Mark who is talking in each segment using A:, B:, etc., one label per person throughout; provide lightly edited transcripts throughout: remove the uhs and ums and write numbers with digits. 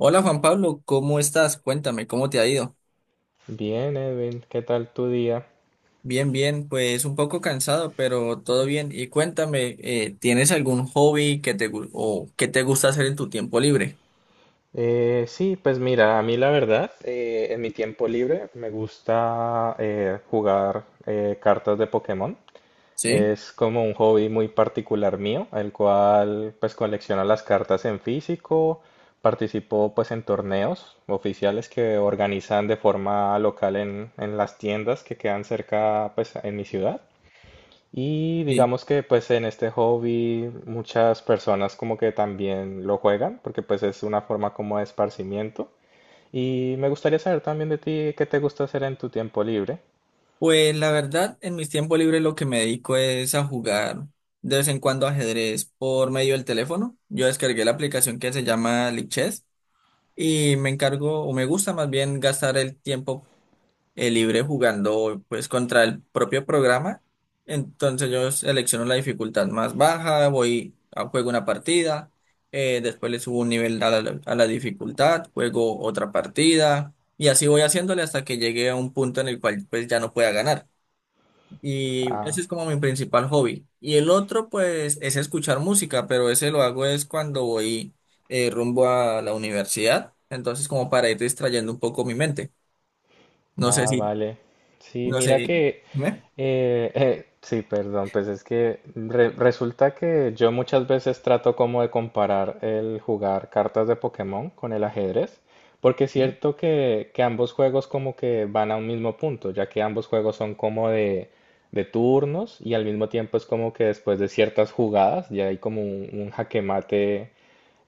A: Hola Juan Pablo, ¿cómo estás? Cuéntame, ¿cómo te ha ido?
B: Bien, Edwin, ¿qué tal tu día?
A: Bien, bien, pues un poco cansado, pero todo bien. Y cuéntame, ¿tienes algún hobby que o que te gusta hacer en tu tiempo libre?
B: Sí, pues mira, a mí la verdad, en mi tiempo libre me gusta jugar cartas de Pokémon.
A: ¿Sí?
B: Es como un hobby muy particular mío, el cual pues colecciono las cartas en físico, participo pues en torneos oficiales que organizan de forma local en las tiendas que quedan cerca pues en mi ciudad. Y
A: Sí.
B: digamos que pues en este hobby muchas personas como que también lo juegan, porque pues es una forma como de esparcimiento. Y me gustaría saber también de ti qué te gusta hacer en tu tiempo libre.
A: Pues la verdad, en mis tiempos libres lo que me dedico es a jugar de vez en cuando ajedrez por medio del teléfono. Yo descargué la aplicación que se llama Lichess y me encargo, o me gusta más bien gastar el tiempo el libre jugando pues contra el propio programa. Entonces yo selecciono la dificultad más baja, voy a juego una partida, después le subo un nivel a la dificultad, juego otra partida y así voy haciéndole hasta que llegue a un punto en el cual pues ya no pueda ganar. Y ese
B: Ah.
A: es como mi principal hobby. Y el otro pues es escuchar música, pero ese lo hago es cuando voy rumbo a la universidad, entonces como para ir distrayendo un poco mi mente. No sé
B: Ah,
A: si
B: vale. Sí,
A: no
B: mira
A: sé. ¿Eh?
B: que sí, perdón, pues es que resulta que yo muchas veces trato como de comparar el jugar cartas de Pokémon con el ajedrez, porque es
A: ¿Sí?
B: cierto que ambos juegos como que van a un mismo punto, ya que ambos juegos son como de turnos y al mismo tiempo es como que después de ciertas jugadas ya hay como un jaque mate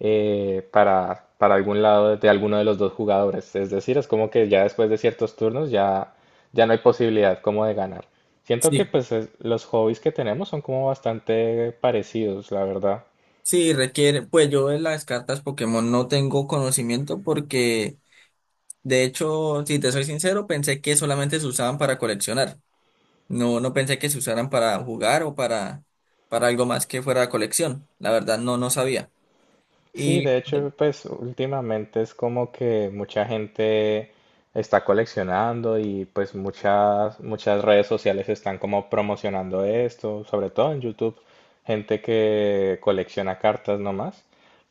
B: para algún lado de alguno de los dos jugadores. Es decir, es como que ya después de ciertos turnos ya no hay posibilidad como de ganar. Siento que
A: Sí,
B: pues los hobbies que tenemos son como bastante parecidos, la verdad.
A: sí, requiere, pues yo de las cartas Pokémon no tengo conocimiento porque, de hecho, si te soy sincero, pensé que solamente se usaban para coleccionar. No, no pensé que se usaran para jugar o para algo más que fuera colección. La verdad, no, no sabía.
B: Sí,
A: Y
B: de hecho, pues últimamente es como que mucha gente está coleccionando y pues muchas redes sociales están como promocionando esto, sobre todo en YouTube, gente que colecciona cartas nomás.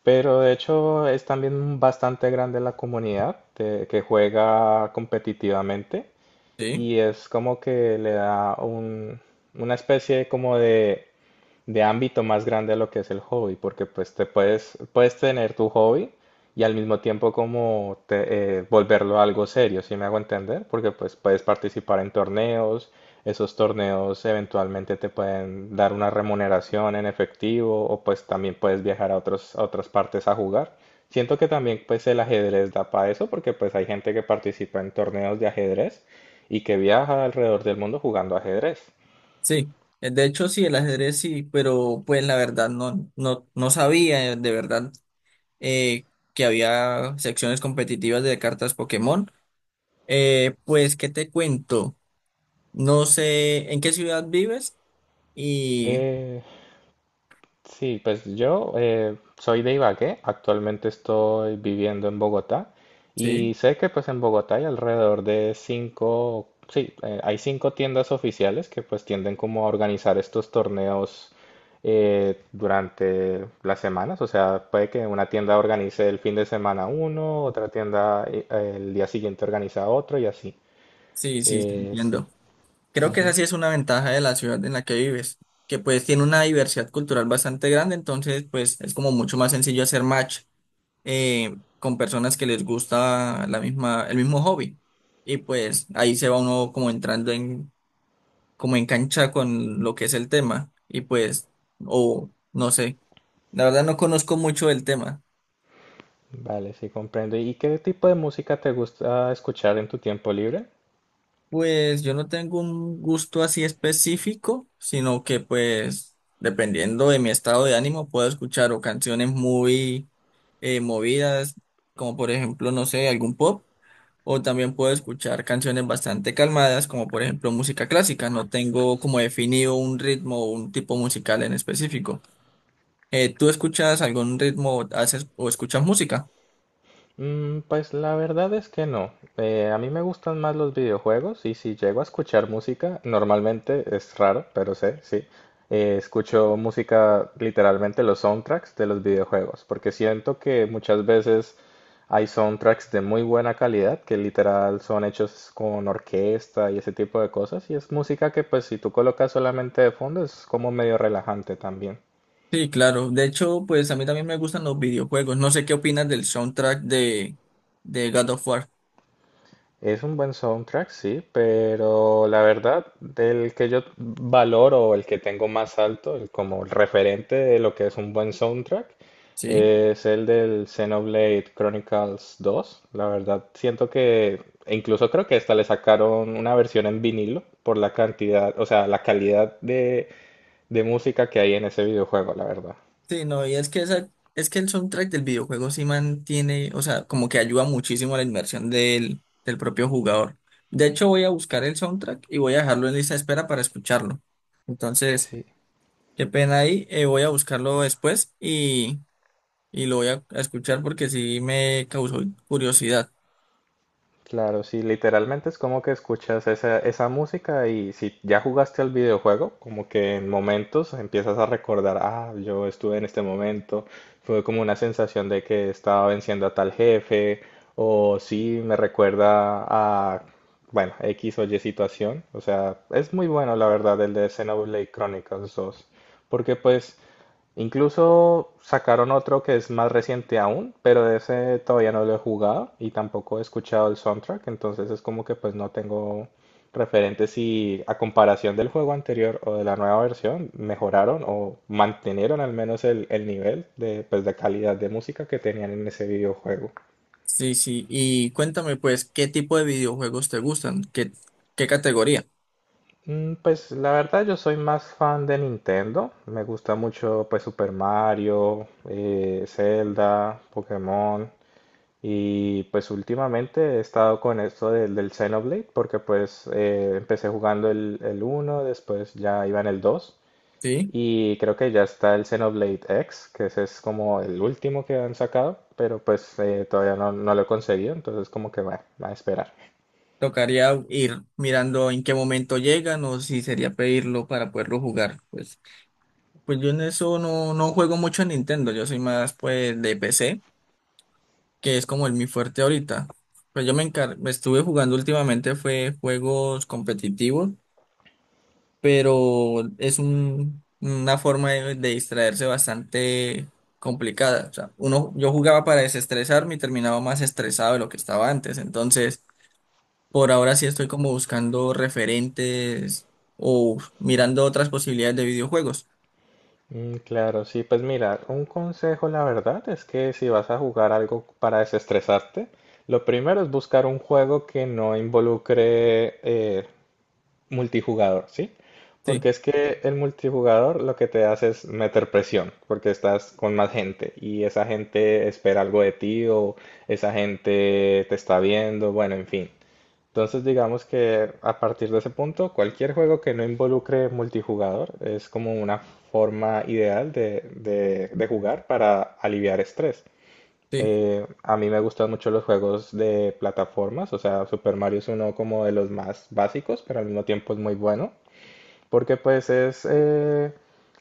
B: Pero de hecho es también bastante grande la comunidad que juega competitivamente
A: sí,
B: y es como que le da una especie como de ámbito más grande a lo que es el hobby, porque pues te puedes tener tu hobby y al mismo tiempo como volverlo algo serio, ¿si me hago entender? Porque pues puedes participar en torneos, esos torneos eventualmente te pueden dar una remuneración en efectivo o pues también puedes viajar a otros, a otras partes a jugar. Siento que también pues el ajedrez da para eso porque pues hay gente que participa en torneos de ajedrez y que viaja alrededor del mundo jugando ajedrez.
A: sí. De hecho, sí, el ajedrez sí, pero pues la verdad no, no, no sabía de verdad eh, que había secciones competitivas de cartas Pokémon. Pues, ¿qué te cuento? No sé en qué ciudad vives y
B: Eh, sí, pues yo soy de Ibagué, actualmente estoy viviendo en Bogotá
A: sí,
B: y sé que pues en Bogotá hay alrededor de cinco, sí, hay cinco tiendas oficiales que pues tienden como a organizar estos torneos durante las semanas, o sea, puede que una tienda organice el fin de semana uno, otra tienda el día siguiente organiza otro y así.
A: sí, sí, te
B: Sí.
A: entiendo. Creo que esa sí es una ventaja de la ciudad en la que vives, que pues tiene una diversidad cultural bastante grande, entonces pues es como mucho más sencillo hacer match con personas que les gusta la misma, el mismo hobby. Y pues ahí se va uno como entrando en, como en cancha con lo que es el tema. Y pues, o no sé, la verdad no conozco mucho del tema.
B: Vale, sí comprendo. ¿Y qué tipo de música te gusta escuchar en tu tiempo libre?
A: Pues yo no tengo un gusto así específico, sino que pues dependiendo de mi estado de ánimo puedo escuchar o canciones muy movidas, como por ejemplo, no sé, algún pop, o también puedo escuchar canciones bastante calmadas, como por ejemplo música clásica. No tengo como definido un ritmo o un tipo musical en específico. ¿Tú escuchas algún ritmo, haces o escuchas música?
B: Pues la verdad es que no. A mí me gustan más los videojuegos y si llego a escuchar música, normalmente es raro, pero sé, sí. Escucho música literalmente los soundtracks de los videojuegos, porque siento que muchas veces hay soundtracks de muy buena calidad que literal son hechos con orquesta y ese tipo de cosas y es música que pues si tú colocas solamente de fondo es como medio relajante también.
A: Sí, claro. De hecho, pues a mí también me gustan los videojuegos. No sé qué opinas del soundtrack de God of War.
B: Es un buen soundtrack, sí, pero la verdad, del que yo valoro, el que tengo más alto, el como el referente de lo que es un buen soundtrack,
A: Sí.
B: es el del Xenoblade Chronicles dos. La verdad, siento que, e incluso creo que esta le sacaron una versión en vinilo por la cantidad, o sea, la calidad de música que hay en ese videojuego, la verdad.
A: Sí, no, y es que esa, es que el soundtrack del videojuego sí mantiene, o sea, como que ayuda muchísimo a la inmersión del, del propio jugador. De hecho, voy a buscar el soundtrack y voy a dejarlo en lista de espera para escucharlo. Entonces,
B: Sí.
A: qué pena ahí. Voy a buscarlo después y lo voy a escuchar porque sí me causó curiosidad.
B: Claro, sí, literalmente es como que escuchas esa música y si ya jugaste al videojuego, como que en momentos empiezas a recordar, ah, yo estuve en este momento, fue como una sensación de que estaba venciendo a tal jefe, o sí, me recuerda a, bueno, X o Y situación. O sea, es muy bueno la verdad el de Xenoblade Chronicles dos, porque pues incluso sacaron otro que es más reciente aún, pero de ese todavía no lo he jugado y tampoco he escuchado el soundtrack, entonces es como que pues no tengo referentes si a comparación del juego anterior o de la nueva versión mejoraron o mantenieron al menos el nivel de, pues, de calidad de música que tenían en ese videojuego.
A: Sí, sí. Y cuéntame, pues, ¿qué tipo de videojuegos te gustan? ¿Qué, qué categoría?
B: Pues la verdad yo soy más fan de Nintendo, me gusta mucho pues Super Mario, Zelda, Pokémon, y pues últimamente he estado con esto del Xenoblade porque pues empecé jugando el uno después ya iba en el 2
A: Sí.
B: y creo que ya está el Xenoblade X, que ese es como el último que han sacado, pero pues todavía no, no lo he conseguido, entonces como que bueno, va a esperar.
A: Tocaría ir mirando en qué momento llegan o si sería pedirlo para poderlo jugar. Pues, pues yo en eso no, no juego mucho en Nintendo. Yo soy más, pues, de PC, que es como el mi fuerte ahorita. Pues yo me estuve jugando últimamente fue juegos competitivos, pero es una forma de distraerse bastante complicada. O sea, uno, yo jugaba para desestresarme y terminaba más estresado de lo que estaba antes. Entonces, por ahora sí estoy como buscando referentes o mirando otras posibilidades de videojuegos.
B: Mm, claro, sí, pues mira, un consejo la verdad es que si vas a jugar algo para desestresarte, lo primero es buscar un juego que no involucre multijugador, ¿sí?
A: Sí,
B: Porque es que el multijugador lo que te hace es meter presión, porque estás con más gente y esa gente espera algo de ti o esa gente te está viendo, bueno, en fin. Entonces digamos que a partir de ese punto, cualquier juego que no involucre multijugador es como una forma ideal de, de jugar para aliviar estrés.
A: sí.
B: A mí me gustan mucho los juegos de plataformas, o sea, Super Mario es uno como de los más básicos, pero al mismo tiempo es muy bueno, porque pues es, eh,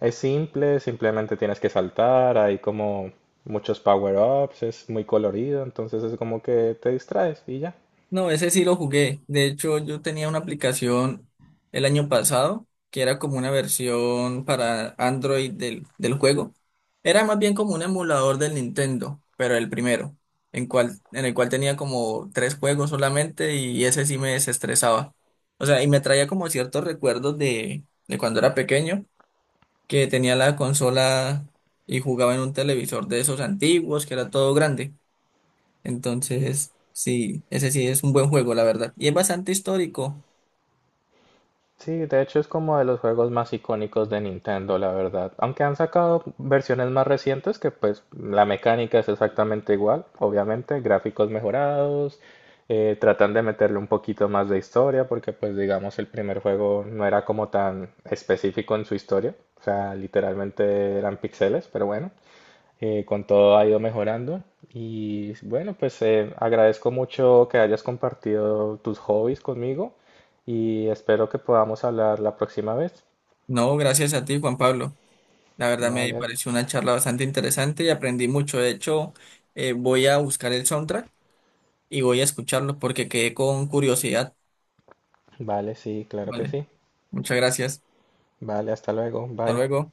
B: es simple, simplemente tienes que saltar, hay como muchos power-ups, es muy colorido, entonces es como que te distraes y ya.
A: No, ese sí lo jugué. De hecho, yo tenía una aplicación el año pasado que era como una versión para Android del, del juego. Era más bien como un emulador del Nintendo, pero el primero, en cual, en el cual tenía como tres juegos solamente y ese sí me desestresaba. O sea, y me traía como ciertos recuerdos de cuando era pequeño, que tenía la consola y jugaba en un televisor de esos antiguos, que era todo grande. Entonces, sí, ese sí es un buen juego, la verdad. Y es bastante histórico.
B: Sí, de hecho es como de los juegos más icónicos de Nintendo, la verdad. Aunque han sacado versiones más recientes que pues la mecánica es exactamente igual, obviamente, gráficos mejorados, tratan de meterle un poquito más de historia porque pues digamos el primer juego no era como tan específico en su historia, o sea, literalmente eran píxeles, pero bueno, con todo ha ido mejorando. Y bueno, pues agradezco mucho que hayas compartido tus hobbies conmigo y espero que podamos hablar la próxima vez.
A: No, gracias a ti, Juan Pablo. La verdad me
B: Vale,
A: pareció una charla bastante interesante y aprendí mucho. De hecho, voy a buscar el soundtrack y voy a escucharlo porque quedé con curiosidad.
B: vale, sí, claro que
A: Vale,
B: sí.
A: muchas gracias.
B: Vale, hasta luego,
A: Hasta
B: bye.
A: luego.